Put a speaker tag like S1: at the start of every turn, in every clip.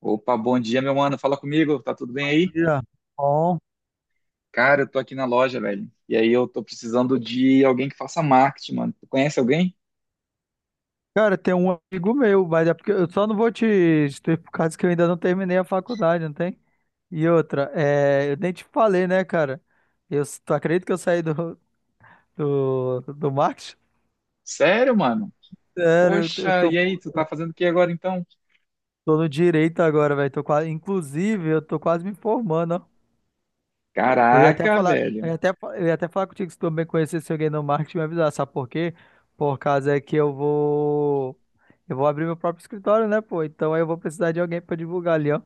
S1: Opa, bom dia, meu mano. Fala comigo, tá tudo bem aí?
S2: Dia. Bom.
S1: Cara, eu tô aqui na loja, velho. E aí eu tô precisando de alguém que faça marketing, mano. Tu conhece alguém?
S2: Cara, tem um amigo meu, mas é porque eu só não vou te ter por causa que eu ainda não terminei a faculdade, não tem? E outra, é, eu nem te falei, né, cara? Eu, tu acredita que eu saí do marketing?
S1: Sério, mano?
S2: Sério, eu
S1: Poxa,
S2: tô,
S1: e aí, tu tá fazendo o que agora então?
S2: tô no direito agora, velho. Tô quase, inclusive, eu tô quase me formando, ó. Eu ia até
S1: Caraca,
S2: falar,
S1: velho.
S2: eu ia até falar contigo se tu também conhecesse alguém no marketing, me avisar, sabe por quê? Por causa é que eu vou, Eu vou abrir meu próprio escritório, né, pô? Então aí eu vou precisar de alguém pra divulgar ali, ó.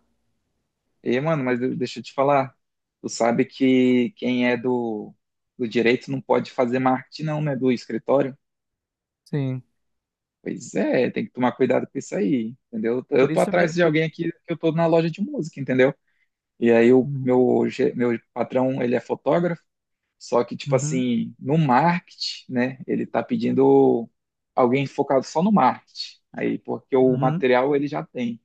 S1: E, mano, mas deixa eu te falar. Tu sabe que quem é do direito não pode fazer marketing, não, né? Do escritório.
S2: Sim.
S1: Pois é, tem que tomar cuidado com isso aí, entendeu? Eu
S2: Por
S1: tô
S2: isso, me-
S1: atrás de
S2: por...
S1: alguém aqui que eu tô na loja de música, entendeu? E aí o
S2: Uhum,
S1: meu patrão, ele é fotógrafo. Só que, tipo
S2: uhum.
S1: assim, no marketing, né, ele tá pedindo alguém focado só no marketing. Aí, porque o
S2: Uhum.
S1: material ele já tem.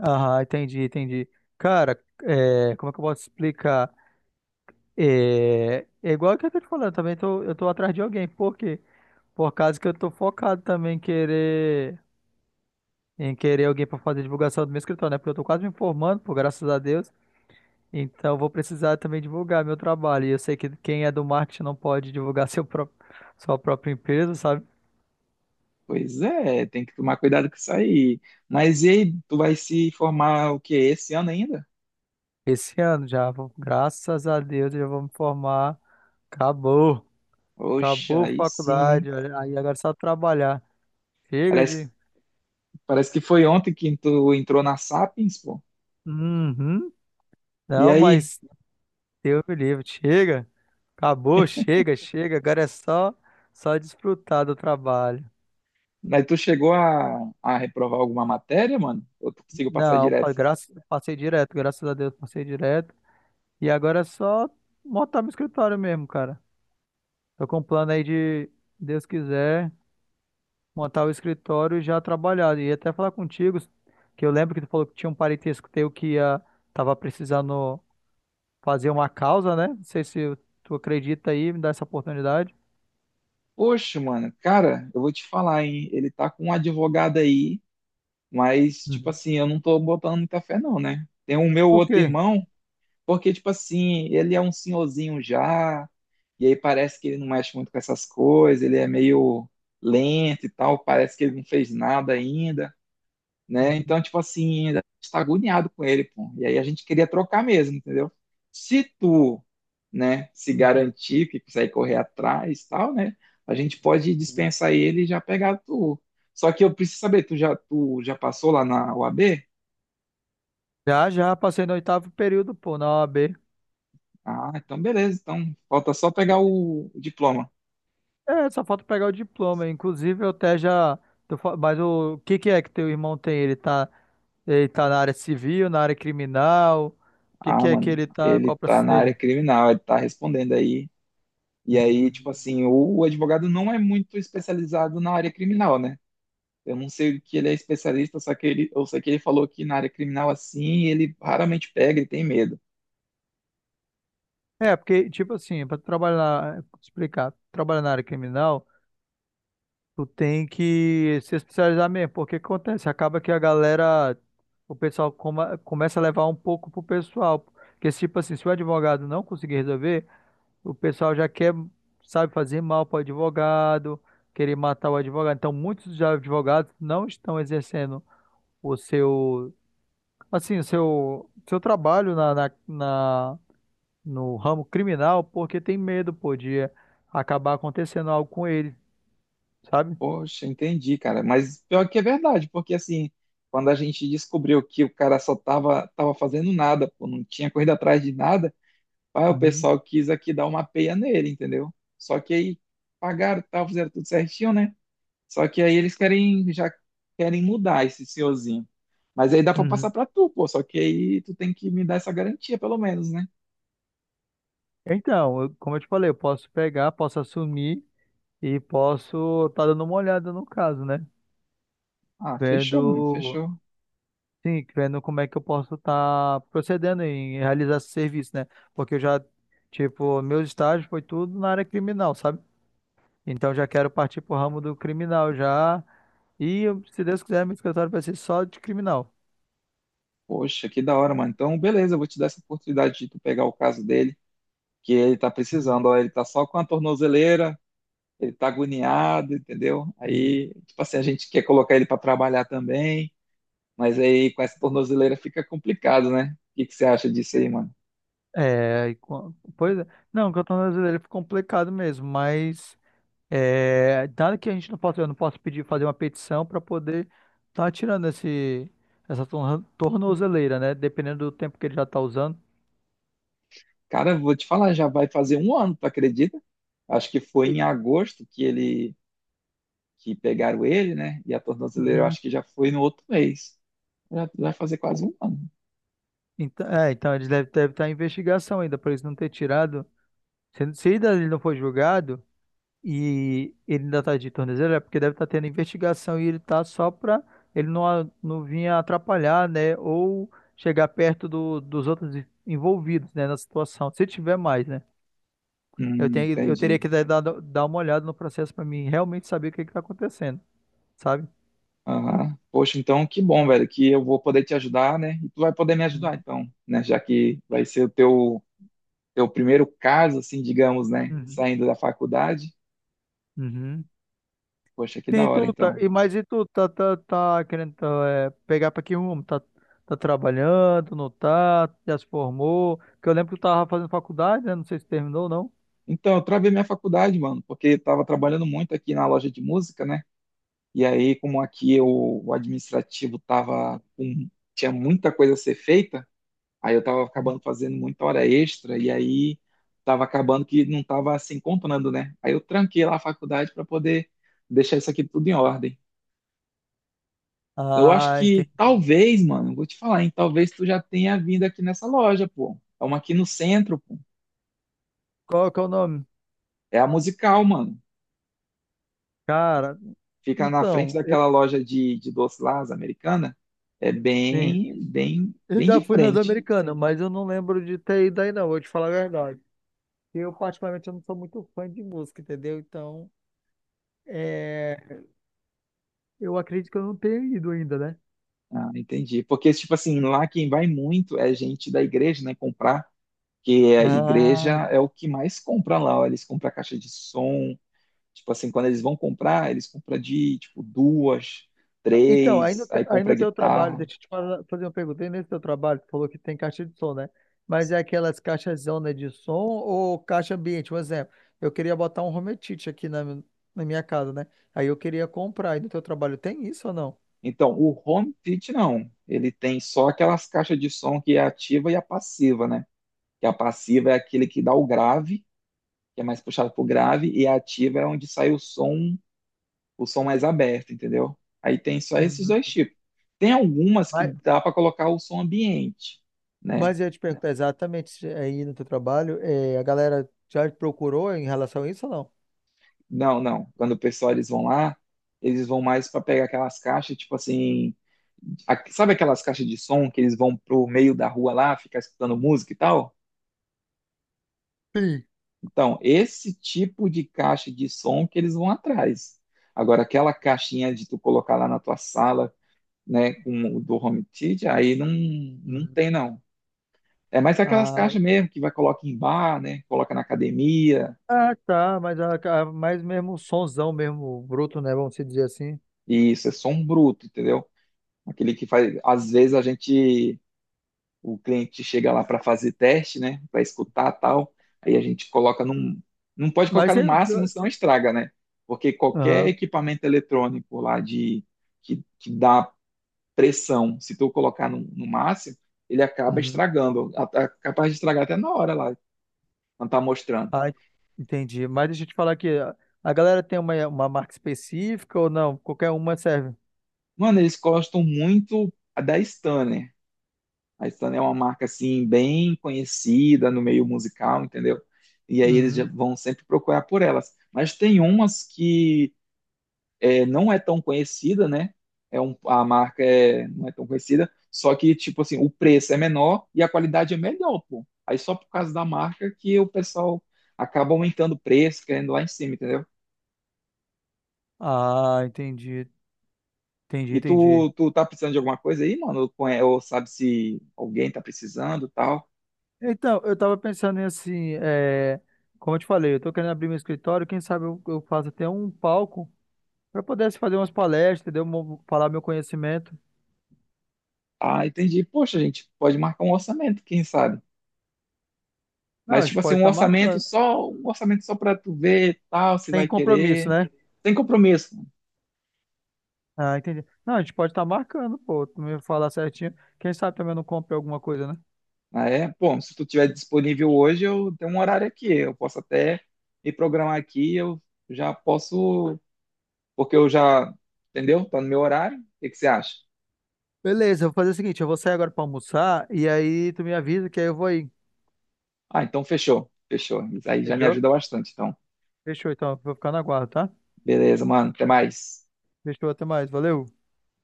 S2: Aham, entendi, entendi. Cara, é, como é que eu posso explicar? É, é igual que eu tô te falando, também tô, eu tô atrás de alguém. Por quê? Por causa que eu tô focado também em querer. Em querer alguém para fazer divulgação do meu escritório, né? Porque eu tô quase me formando, pô, graças a Deus. Então eu vou precisar também divulgar meu trabalho. E eu sei que quem é do marketing não pode divulgar seu próprio, sua própria empresa, sabe?
S1: Pois é, tem que tomar cuidado com isso aí. Mas e aí, tu vai se formar o quê? Esse ano ainda?
S2: Esse ano já, graças a Deus, eu já vou me formar. Acabou.
S1: Poxa,
S2: Acabou a
S1: aí sim, hein?
S2: faculdade. Olha, aí agora é só trabalhar. Chega
S1: Parece,
S2: de.
S1: Parece que foi ontem que tu entrou na Sapiens, pô.
S2: Uhum.
S1: E
S2: Não,
S1: aí?
S2: mas Deus me livre. Chega. Acabou, chega, chega. Agora é só, só desfrutar do trabalho.
S1: Mas tu chegou a reprovar alguma matéria, mano? Ou tu conseguiu passar
S2: Não,
S1: direto?
S2: passei direto, graças a Deus passei direto. E agora é só montar meu escritório mesmo, cara. Tô com um plano aí de, Deus quiser, montar o escritório e já trabalhar. E até falar contigo, que eu lembro que tu falou que tinha um parentesco teu que ia, tava precisando fazer uma causa, né? Não sei se tu acredita aí, me dá essa oportunidade.
S1: Poxa, mano, cara, eu vou te falar, hein? Ele tá com um advogado aí. Mas, tipo
S2: Uhum.
S1: assim, eu não tô botando muita fé, não, né? Tem o meu
S2: Por
S1: outro
S2: quê?
S1: irmão, porque, tipo assim, ele é um senhorzinho já, e aí parece que ele não mexe muito com essas coisas, ele é meio lento e tal, parece que ele não fez nada ainda, né? Então, tipo assim, a gente tá agoniado com ele, pô. E aí a gente queria trocar mesmo, entendeu? Se tu, né, se
S2: Uhum.
S1: garantir que consegue correr atrás e tal, né? A gente pode dispensar ele e já pegar tu. Só que eu preciso saber, tu já passou lá na UAB?
S2: Já, já passei no oitavo período, pô, na OAB.
S1: Ah, então beleza. Então, falta só pegar o diploma.
S2: É, só falta pegar o diploma. Inclusive, eu até já. Mas o que que é que teu irmão tem? Ele tá na área civil, na área criminal? O que
S1: Ah,
S2: que é que
S1: mano,
S2: ele tá?
S1: ele
S2: Qual o
S1: tá
S2: processo
S1: na área
S2: dele?
S1: criminal, ele tá respondendo aí. E aí,
S2: Uhum.
S1: tipo assim, o advogado não é muito especializado na área criminal, né? Eu não sei o que ele é especialista, só que ele, eu sei que ele falou que na área criminal assim, ele raramente pega e tem medo.
S2: É, porque, tipo assim, pra trabalhar, pra te explicar, trabalhar na área criminal, tu tem que se especializar mesmo. Porque o que acontece? Acaba que a galera, o pessoal começa a levar um pouco pro pessoal. Porque, tipo assim, se o advogado não conseguir resolver. O pessoal já quer, sabe, fazer mal para o advogado, querer matar o advogado. Então, muitos já advogados não estão exercendo o seu, assim, o seu trabalho no ramo criminal porque tem medo, pô, de acabar acontecendo algo com ele, sabe?
S1: Poxa, entendi, cara. Mas pior que é verdade, porque assim, quando a gente descobriu que o cara só tava fazendo nada, pô, não tinha corrido atrás de nada, aí o
S2: Uhum,
S1: pessoal quis aqui dar uma peia nele, entendeu? Só que aí pagaram, tal, fizeram tudo certinho, né? Só que aí eles querem mudar esse senhorzinho. Mas aí dá pra passar
S2: uhum.
S1: pra tu, pô. Só que aí tu tem que me dar essa garantia, pelo menos, né?
S2: Então, como eu te falei, eu posso pegar, posso assumir e posso estar dando uma olhada no caso, né?
S1: Ah, fechou, mano,
S2: Vendo.
S1: fechou.
S2: Sim, vendo como é que eu posso estar procedendo em realizar esse serviço, né? Porque eu já, tipo, meus estágios foi tudo na área criminal, sabe? Então já quero partir pro ramo do criminal já. E se Deus quiser, meu escritório vai ser só de criminal.
S1: Poxa, que da hora, mano. Então, beleza, eu vou te dar essa oportunidade de tu pegar o caso dele, que ele tá precisando, ó, ele tá só com a tornozeleira, ele tá agoniado, entendeu?
S2: Hum.
S1: Aí, tipo assim, a gente quer colocar ele pra trabalhar também, mas aí com essa tornozeleira fica complicado, né? O que que você acha disso aí, mano?
S2: É, pois é. Não, o Canton Brasileiro ficou complicado mesmo, mas é, nada que a gente não possa, eu não posso pedir fazer uma petição para poder estar tirando esse, tornozeleira, né? Dependendo do tempo que ele já está usando.
S1: Cara, vou te falar, já vai fazer um ano, tu acredita? Acho que foi em agosto que ele, que pegaram ele, né? E a tornozeleira eu
S2: Uhum.
S1: acho que já foi no outro mês. Já já vai fazer quase um ano.
S2: Então, é, então eles devem, devem estar em investigação ainda, por eles não ter tirado. Se ainda ele não for julgado e ele ainda está de tornozelo, é porque deve estar tendo investigação e ele está só para ele não, não vir atrapalhar, né? Ou chegar perto dos outros envolvidos, né, na situação. Se tiver mais, né? Eu tenho, eu
S1: Entendi.
S2: teria que dar uma olhada no processo para mim realmente saber o que está acontecendo, sabe?
S1: Aham. Poxa, então que bom, velho, que eu vou poder te ajudar, né? E tu vai poder me ajudar,
S2: Uhum,
S1: então, né? Já que vai ser o teu primeiro caso, assim, digamos, né?
S2: uhum.
S1: Saindo da faculdade.
S2: Uhum.
S1: Poxa, que da
S2: Sim, tu
S1: hora,
S2: tá,
S1: então.
S2: e mas e tu tá querendo tá, é, pegar pra que rumo? Tá, tá trabalhando, não tá? Já se formou? Porque eu lembro que tu tava fazendo faculdade, né? Não sei se terminou ou não.
S1: Então, eu travei minha faculdade, mano, porque eu tava trabalhando muito aqui na loja de música, né? E aí, como aqui eu, o administrativo tava com, tinha muita coisa a ser feita. Aí eu tava acabando fazendo muita hora extra e aí tava acabando que não tava assim contando, né? Aí eu tranquei lá a faculdade para poder deixar isso aqui tudo em ordem. Eu acho
S2: Ah,
S1: que
S2: entendi.
S1: talvez, mano, vou te falar, hein? Talvez tu já tenha vindo aqui nessa loja, pô. É uma aqui no centro, pô.
S2: Qual que é o nome?
S1: É a Musical, mano.
S2: Cara,
S1: Fica na frente
S2: então, eu,
S1: daquela loja de doce lá, as americana. É
S2: sim, eu
S1: bem de
S2: já fui nas
S1: frente.
S2: americanas, mas eu não lembro de ter ido aí não, vou te falar a verdade. Eu, particularmente, eu não sou muito fã de música, entendeu? Então, é, eu acredito que eu não tenha ido ainda, né?
S1: Ah, entendi. Porque, tipo assim, lá quem vai muito é gente da igreja, né? Comprar. Que a igreja
S2: Ah,
S1: é o que mais compra lá, ó. Eles compram caixa de som, tipo assim, quando eles vão comprar, eles compram de tipo duas,
S2: então,
S1: três, aí
S2: aí
S1: compra
S2: no teu trabalho,
S1: guitarra.
S2: deixa eu te falar- fazer uma pergunta. Aí nesse teu trabalho, tu falou que tem caixa de som, né? Mas é aquelas caixas zona de som ou caixa ambiente? Um exemplo, eu queria botar um home theater aqui na minha casa, né? Aí eu queria comprar. Aí no teu trabalho tem isso ou não?
S1: Então, o home theater não. Ele tem só aquelas caixas de som que é a ativa e a passiva, né? Que a passiva é aquele que dá o grave, que é mais puxado pro grave, e a ativa é onde sai o som mais aberto, entendeu? Aí tem só esses
S2: Uhum.
S1: dois tipos. Tem algumas que
S2: Mas,
S1: dá para colocar o som ambiente, né?
S2: mas eu ia te perguntar exatamente se aí no teu trabalho, a galera já te procurou em relação a isso ou não?
S1: Não, não. Quando o pessoal eles vão lá, eles vão mais para pegar aquelas caixas, tipo assim, sabe aquelas caixas de som que eles vão pro meio da rua lá, ficar escutando música e tal?
S2: Sim.
S1: Então, esse tipo de caixa de som que eles vão atrás. Agora, aquela caixinha de tu colocar lá na tua sala, né, com o do home theater, aí não, não
S2: Uhum.
S1: tem não. É mais aquelas
S2: Ah,
S1: caixas mesmo que vai colocar em bar, né, coloca na academia,
S2: ah, tá, mas, a, mas mesmo sonzão, mesmo bruto, né? Vamos se dizer assim.
S1: e isso é som bruto, entendeu? Aquele que faz, às vezes a gente o cliente chega lá para fazer teste, né? Para escutar tal. Aí a gente coloca num. Não pode colocar
S2: Mas
S1: no
S2: eu,
S1: máximo, senão estraga, né? Porque qualquer
S2: aham.
S1: equipamento eletrônico lá de que dá pressão, se tu colocar no máximo, ele acaba
S2: Uhum.
S1: estragando, capaz de estragar até na hora lá, quando tá mostrando.
S2: Ah, entendi. Mas deixa eu te falar aqui, a galera tem uma marca específica ou não? Qualquer uma serve?
S1: Mano, eles gostam muito da Stanner. A Stanner é uma marca assim bem conhecida no meio musical, entendeu? E aí eles já
S2: Uhum.
S1: vão sempre procurar por elas. Mas tem umas que é, não é tão conhecida, né? É um, a marca é, não é tão conhecida, só que, tipo assim, o preço é menor e a qualidade é melhor, pô. Aí só por causa da marca que o pessoal acaba aumentando o preço, querendo lá em cima, entendeu?
S2: Ah, entendi. Entendi,
S1: E
S2: entendi.
S1: tu tá precisando de alguma coisa aí, mano? Ou ou sabe se alguém tá precisando, tal?
S2: Então, eu tava pensando em assim, é, como eu te falei, eu tô querendo abrir meu escritório, quem sabe eu faço até um palco para poder assim, fazer umas palestras, entendeu? Falar meu conhecimento.
S1: Ah, entendi. Poxa, gente, pode marcar um orçamento, quem sabe?
S2: Não,
S1: Mas
S2: a gente
S1: tipo assim,
S2: pode estar marcando.
S1: um orçamento só para tu ver, tal, se vai
S2: Tem compromisso,
S1: querer.
S2: né?
S1: Sem compromisso.
S2: Ah, entendi. Não, a gente pode estar marcando, pô, tu me falar certinho. Quem sabe também eu não compre alguma coisa, né?
S1: Ah, é? Bom, se tu tiver disponível hoje, eu tenho um horário aqui. Eu posso até me programar aqui, eu já posso, porque eu já, entendeu? Tá no meu horário. O que que você acha?
S2: Beleza, eu vou fazer o seguinte, eu vou sair agora pra almoçar e aí tu me avisa que aí eu vou aí.
S1: Ah, então fechou. Fechou. Isso aí já me
S2: Fechou?
S1: ajuda bastante. Então,
S2: Fechou, então. Vou ficar na guarda, tá?
S1: beleza, mano. Até mais.
S2: Fechou, até mais. Valeu.